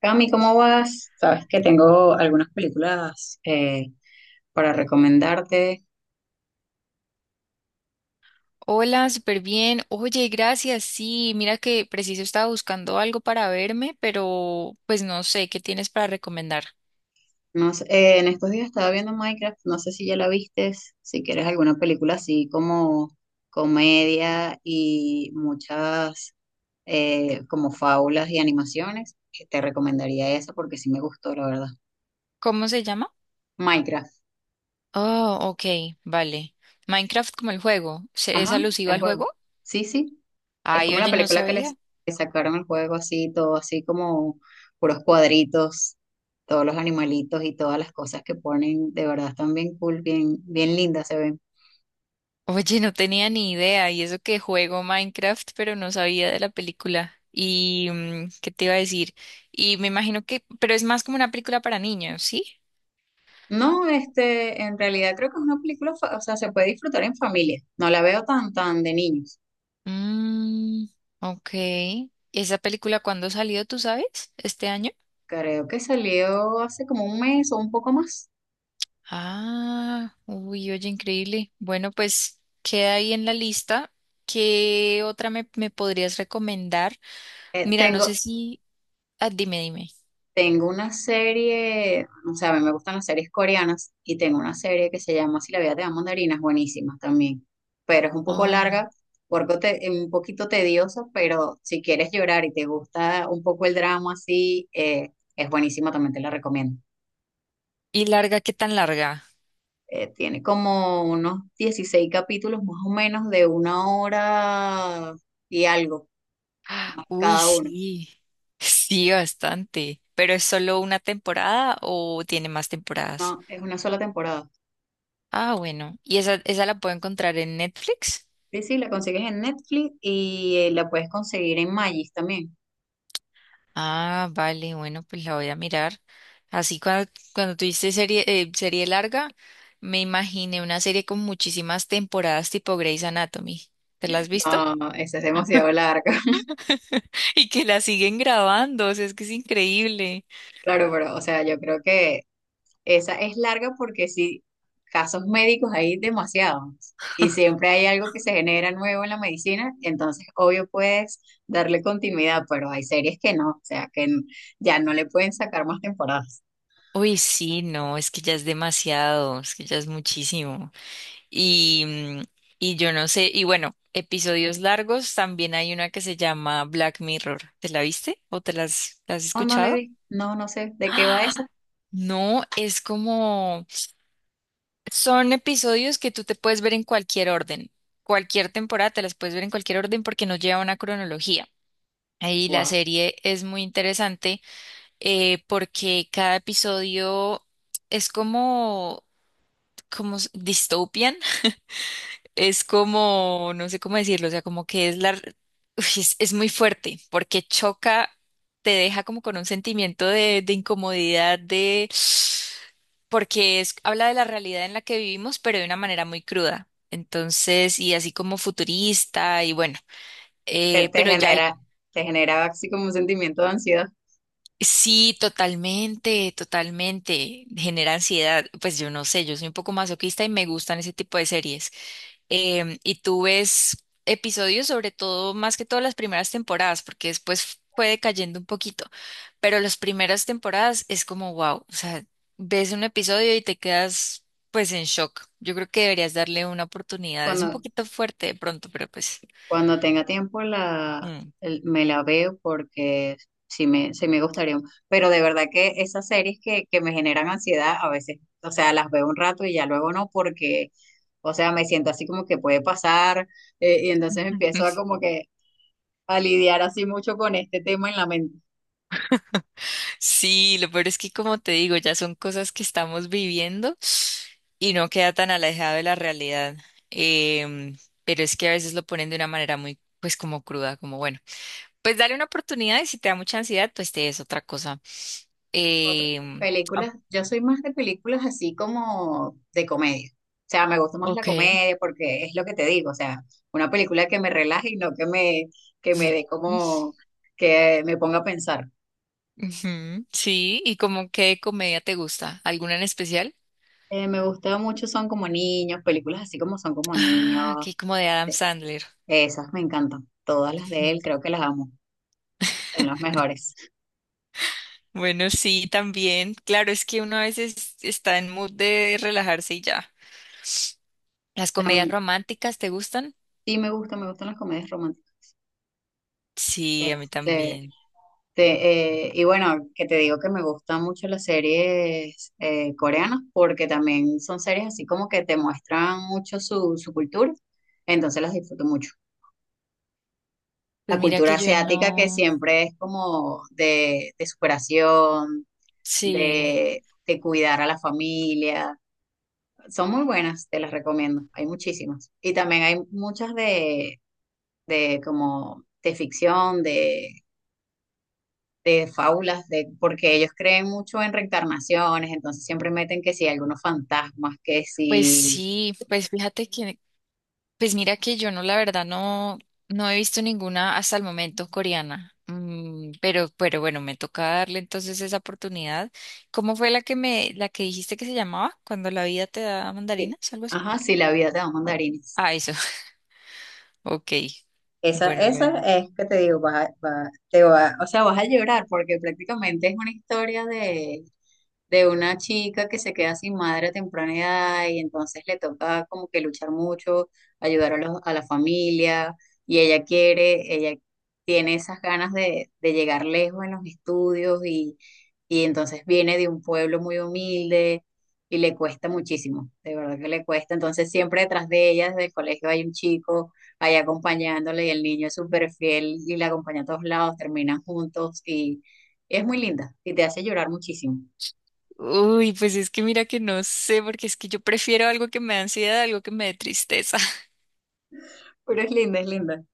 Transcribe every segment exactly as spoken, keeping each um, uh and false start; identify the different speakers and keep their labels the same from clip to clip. Speaker 1: Cami, ¿cómo vas? Sabes que tengo algunas películas eh, para recomendarte.
Speaker 2: Hola, súper bien. Oye, gracias. Sí, mira que preciso estaba buscando algo para verme, pero pues no sé qué tienes para recomendar.
Speaker 1: No sé, eh, en estos días estaba viendo Minecraft, no sé si ya la vistes, si quieres alguna película así como comedia y muchas eh, como fábulas y animaciones, que te recomendaría esa porque sí me gustó, la verdad.
Speaker 2: ¿Cómo se llama?
Speaker 1: Minecraft,
Speaker 2: Oh, ok, vale. Minecraft como el juego. ¿Se- ¿Es
Speaker 1: ajá,
Speaker 2: alusivo
Speaker 1: el
Speaker 2: al
Speaker 1: juego.
Speaker 2: juego?
Speaker 1: Sí, sí. Es
Speaker 2: Ay,
Speaker 1: como una
Speaker 2: oye, no
Speaker 1: película que les
Speaker 2: sabía.
Speaker 1: que sacaron el juego así, todo así como puros cuadritos, todos los animalitos y todas las cosas que ponen, de verdad están bien cool, bien, bien lindas se ven.
Speaker 2: Oye, no tenía ni idea. Y eso que juego Minecraft, pero no sabía de la película. Y, mm, ¿qué te iba a decir? Y me imagino que, pero es más como una película para niños, ¿sí?
Speaker 1: No, este, en realidad creo que es una película, fa- o sea, se puede disfrutar en familia. No la veo tan, tan de niños.
Speaker 2: Mm, ok. ¿Esa película cuándo salió, tú sabes? ¿Este año?
Speaker 1: Creo que salió hace como un mes o un poco más.
Speaker 2: Ah, uy, oye, increíble. Bueno, pues queda ahí en la lista. ¿Qué otra me, me podrías recomendar?
Speaker 1: Eh,
Speaker 2: Mira, no sé
Speaker 1: tengo,
Speaker 2: si... Ah, dime, dime.
Speaker 1: Tengo una serie, o sea, a mí me gustan las series coreanas y tengo una serie que se llama Si la vida te da mandarinas, buenísima también, pero es un poco
Speaker 2: Ah,
Speaker 1: larga, porque te- un poquito tediosa, pero si quieres llorar y te gusta un poco el drama así, eh, es buenísima, también te la recomiendo.
Speaker 2: ¿y larga? ¿Qué tan larga?
Speaker 1: Eh, tiene como unos dieciséis capítulos más o menos de una hora y algo
Speaker 2: Ah, uy,
Speaker 1: cada uno,
Speaker 2: sí. Sí, bastante. ¿Pero es solo una temporada o tiene más temporadas?
Speaker 1: ¿no? Es una sola temporada.
Speaker 2: Ah, bueno. ¿Y esa, esa la puedo encontrar en Netflix?
Speaker 1: Sí, sí, la consigues en Netflix y eh, la puedes conseguir en Magis también.
Speaker 2: Ah, vale, bueno, pues la voy a mirar. Así cuando, cuando tuviste serie, eh, serie larga, me imaginé una serie con muchísimas temporadas tipo Grey's Anatomy. ¿Te la has visto?
Speaker 1: No, esa es demasiado larga.
Speaker 2: Y que la siguen grabando, o sea, es que es increíble.
Speaker 1: Claro, pero, o sea, yo creo que esa es larga porque sí, casos médicos hay demasiados. Y siempre hay algo que se genera nuevo en la medicina, entonces obvio puedes darle continuidad, pero hay series que no, o sea, que n- ya no le pueden sacar más temporadas.
Speaker 2: Uy, sí, no, es que ya es demasiado, es que ya es muchísimo. Y, mm, y yo no sé, y bueno, episodios largos, también hay una que se llama Black Mirror. ¿Te la viste o te la has, la has
Speaker 1: No, no le
Speaker 2: escuchado?
Speaker 1: vi, no, no sé, ¿de qué va
Speaker 2: ¡Ah!
Speaker 1: esa?
Speaker 2: No, es como... Son episodios que tú te puedes ver en cualquier orden. Cualquier temporada te las puedes ver en cualquier orden porque no lleva una cronología. Ahí la
Speaker 1: Wow.
Speaker 2: serie es muy interesante, eh, porque cada episodio es como, como s- dystopian, es como, no sé cómo decirlo, o sea, como que es la... r- uy, es, es muy fuerte porque choca, te deja como con un sentimiento de, de incomodidad, de porque es, habla de la realidad en la que vivimos, pero de una manera muy cruda. Entonces, y así como futurista, y bueno,
Speaker 1: Te,
Speaker 2: eh,
Speaker 1: te
Speaker 2: pero ya hay,
Speaker 1: genera, te genera así como un sentimiento de ansiedad
Speaker 2: sí, totalmente, totalmente, genera ansiedad. Pues yo no sé, yo soy un poco masoquista y me gustan ese tipo de series. em, y tú ves episodios, sobre todo, más que todo las primeras temporadas, porque después fue decayendo un poquito, pero las primeras temporadas es como wow, o sea, ves un episodio y te quedas pues en shock. Yo creo que deberías darle una oportunidad. Es un
Speaker 1: cuando.
Speaker 2: poquito fuerte de pronto, pero pues...
Speaker 1: Cuando tenga tiempo la,
Speaker 2: mm.
Speaker 1: el- me la veo porque sí me, sí me gustaría. Pero de verdad que esas series que, que me generan ansiedad a veces, o sea, las veo un rato y ya luego no porque, o sea, me siento así como que puede pasar eh, y entonces empiezo a como que a lidiar así mucho con este tema en la mente.
Speaker 2: Sí, lo peor es que como te digo, ya son cosas que estamos viviendo y no queda tan alejado de la realidad. Em, pero es que a veces lo ponen de una manera muy, pues como cruda, como bueno. Pues dale una oportunidad y si te da mucha ansiedad, pues te es otra cosa.
Speaker 1: Corre-
Speaker 2: Em, Ah,
Speaker 1: Películas, yo soy más de películas así como de comedia. O sea, me gusta más la
Speaker 2: ok.
Speaker 1: comedia porque es lo que te digo, o sea, una película que me relaje y no que me, que me dé como, que me ponga a pensar.
Speaker 2: Ujú, sí, ¿y como qué comedia te gusta? ¿Alguna en especial?
Speaker 1: Eh, me gusta mucho Son como niños, películas así como Son como niños,
Speaker 2: Ah, aquí como de Adam
Speaker 1: eh,
Speaker 2: Sandler.
Speaker 1: esas me encantan. Todas las de él
Speaker 2: Ujú.
Speaker 1: creo que las amo, son las mejores.
Speaker 2: Bueno, sí, también. Claro, es que uno a veces está en mood de relajarse y ya. ¿Las comedias
Speaker 1: Tam-
Speaker 2: románticas te gustan?
Speaker 1: sí me gusta, me gustan las comedias románticas.
Speaker 2: Sí, a mí
Speaker 1: Este,
Speaker 2: también.
Speaker 1: Te- eh, y bueno, que te digo que me gustan mucho las series eh, coreanas porque también son series así como que te muestran mucho su, su cultura, entonces las disfruto mucho.
Speaker 2: Pues
Speaker 1: La
Speaker 2: mira
Speaker 1: cultura
Speaker 2: que yo
Speaker 1: asiática que
Speaker 2: no.
Speaker 1: siempre es como de, de superación,
Speaker 2: Sí.
Speaker 1: de, de cuidar a la familia, son muy buenas, te las recomiendo, hay muchísimas. Y también hay muchas de, de como de ficción, de de fábulas, de, porque ellos creen mucho en reencarnaciones, entonces siempre meten que si algunos fantasmas, que
Speaker 2: Pues
Speaker 1: si,
Speaker 2: sí, pues fíjate que pues mira que yo no, la verdad, no, no he visto ninguna hasta el momento coreana. Mm, pero, pero bueno, me toca darle entonces esa oportunidad. ¿Cómo fue la que me, la que dijiste que se llamaba? Cuando la vida te da
Speaker 1: que-
Speaker 2: mandarinas, algo así.
Speaker 1: ajá, si la vida te da mandarines.
Speaker 2: Ah, eso. Ok.
Speaker 1: Esa,
Speaker 2: Bueno, lo
Speaker 1: esa
Speaker 2: dejo.
Speaker 1: es que te digo, va, va- te va, o sea, vas a llorar porque prácticamente es una historia de, de una chica que se queda sin madre a temprana edad y entonces le toca como que luchar mucho, ayudar a, los- a la familia y ella quiere, ella tiene esas ganas de, de llegar lejos en los estudios y, y entonces viene de un pueblo muy humilde y le cuesta muchísimo, de verdad que le cuesta. Entonces siempre detrás de ella, desde el colegio, hay un chico ahí acompañándole y el niño es súper fiel y la acompaña a todos lados, terminan juntos y es muy linda y te hace llorar muchísimo,
Speaker 2: Uy, pues es que mira que no sé, porque es que yo prefiero algo que me da ansiedad, algo que me dé tristeza.
Speaker 1: pero es linda, es linda.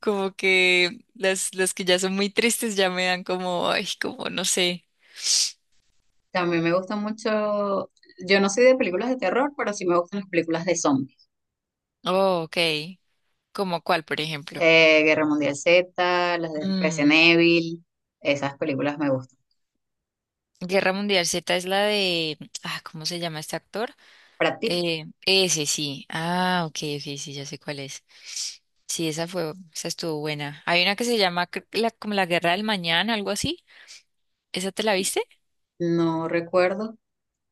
Speaker 2: Como que las, las que ya son muy tristes ya me dan como, ay, como no sé.
Speaker 1: También me gusta mucho, yo no soy de películas de terror, pero sí me gustan las películas de zombies.
Speaker 2: Oh, ok. ¿Como cuál, por ejemplo?
Speaker 1: Eh, Guerra Mundial Z, las de Resident
Speaker 2: Mm.
Speaker 1: Evil, esas películas me gustan.
Speaker 2: Guerra Mundial Z es la de, ah, ¿cómo se llama este actor?
Speaker 1: ¿Para ti?
Speaker 2: Eh, ese sí. Ah, ok, ok, sí, ya sé cuál es. Sí, esa fue, esa estuvo buena. Hay una que se llama cr- la, como la Guerra del Mañana, algo así. ¿Esa te la viste?
Speaker 1: No recuerdo.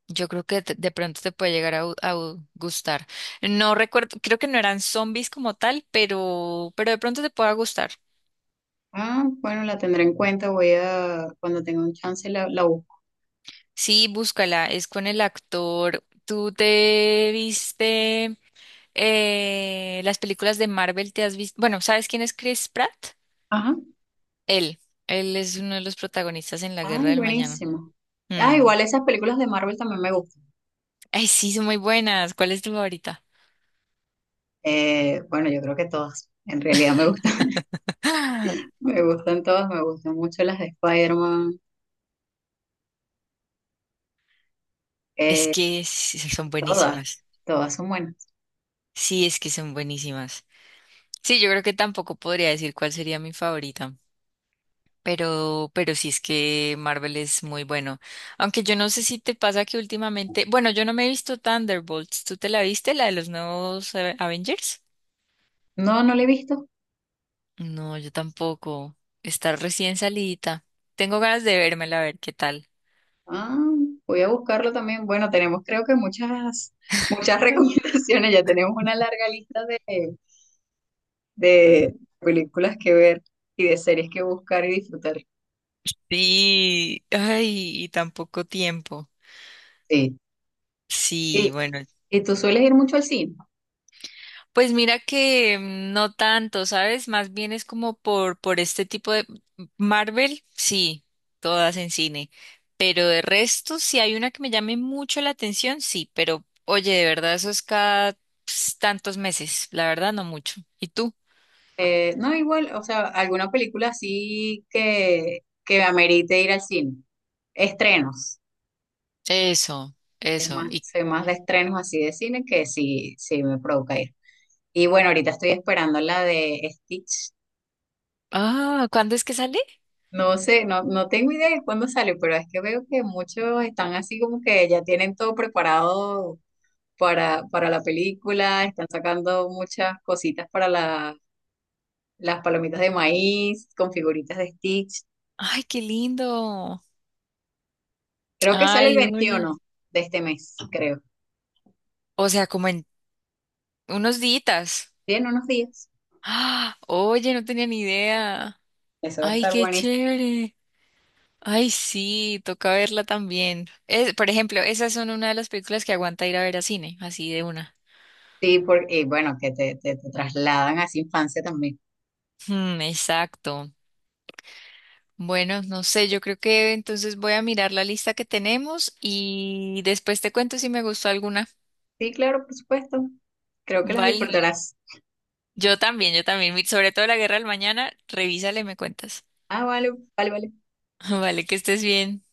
Speaker 2: Yo creo que te- de pronto te puede llegar a, gu- a gu- gustar. No recuerdo, creo que no eran zombies como tal, pero, pero de pronto te pueda gustar.
Speaker 1: Ah, bueno, la tendré en cuenta, voy a, cuando tenga un chance la, la busco.
Speaker 2: Sí, búscala. Es con el actor. ¿Tú te viste? Eh, las películas de Marvel te has visto. Bueno, ¿sabes quién es Chris Pratt?
Speaker 1: Ajá.
Speaker 2: Él. Él es uno de los protagonistas en La Guerra
Speaker 1: Ay,
Speaker 2: del Mañana.
Speaker 1: buenísimo. Ah,
Speaker 2: Mm.
Speaker 1: igual esas películas de Marvel también me gustan.
Speaker 2: Ay, sí, son muy buenas. ¿Cuál es tu favorita?
Speaker 1: Eh, bueno, yo creo que todas. En realidad me gustan, me gustan todas, me gustan mucho las de Spider-Man.
Speaker 2: Es
Speaker 1: Eh,
Speaker 2: que s- son
Speaker 1: todas,
Speaker 2: buenísimas.
Speaker 1: todas son buenas.
Speaker 2: Sí, es que son buenísimas. Sí, yo creo que tampoco podría decir cuál sería mi favorita. Pero, pero sí es que Marvel es muy bueno. Aunque yo no sé si te pasa que últimamente, bueno, yo no me he visto Thunderbolts. ¿Tú te la viste, la de los nuevos eh, Avengers?
Speaker 1: No, no la he visto.
Speaker 2: No, yo tampoco. Está recién salidita. Tengo ganas de vérmela a ver qué tal.
Speaker 1: Ah, voy a buscarlo también. Bueno, tenemos creo que muchas, muchas recomendaciones. Ya tenemos una larga lista de, de películas que ver y de series que buscar y disfrutar.
Speaker 2: Sí, ay, y tan poco tiempo.
Speaker 1: Sí.
Speaker 2: Sí,
Speaker 1: ¿Y,
Speaker 2: bueno,
Speaker 1: ¿y tú sueles ir mucho al cine?
Speaker 2: pues mira que mm, no tanto, ¿sabes? Más bien es como por, por este tipo de Marvel, sí, todas en cine, pero de resto, si hay una que me llame mucho la atención, sí, pero oye, de verdad, eso es cada ps, tantos meses, la verdad, no mucho. ¿Y tú?
Speaker 1: Eh, no, igual, o sea, alguna película así que, que amerite ir al cine. Estrenos.
Speaker 2: Eso,
Speaker 1: Es
Speaker 2: eso.
Speaker 1: más,
Speaker 2: ¿Y
Speaker 1: soy más de estrenos así de cine que sí, sí me provoca ir. Y bueno, ahorita estoy esperando la de Stitch.
Speaker 2: ah, cuándo es que sale?
Speaker 1: No sé, no, no tengo idea de cuándo sale, pero es que veo que muchos están así como que ya tienen todo preparado para, para la película, están sacando muchas cositas para la- las palomitas de maíz, con figuritas de Stitch.
Speaker 2: Ay, qué lindo.
Speaker 1: Creo que sale el
Speaker 2: Ay, oye.
Speaker 1: veintiuno de este mes, creo.
Speaker 2: O sea, como en unos días.
Speaker 1: Sí, en unos días.
Speaker 2: Ah, oye, no tenía ni idea.
Speaker 1: Eso va a
Speaker 2: Ay,
Speaker 1: estar
Speaker 2: qué
Speaker 1: buenísimo.
Speaker 2: chévere. Ay, sí, toca verla también. Es- por ejemplo, esas son una de las películas que aguanta ir a ver a cine, así de una.
Speaker 1: Sí, porque, y bueno, que te, te te trasladan a esa infancia también.
Speaker 2: Hmm, exacto. Bueno, no sé, yo creo que entonces voy a mirar la lista que tenemos y después te cuento si me gustó alguna.
Speaker 1: Sí, claro, por supuesto. Creo que las
Speaker 2: Vale.
Speaker 1: disfrutarás.
Speaker 2: Yo también, yo también. Sobre todo la Guerra del Mañana, revísale y me cuentas.
Speaker 1: Ah, vale, vale, vale.
Speaker 2: Vale, que estés bien.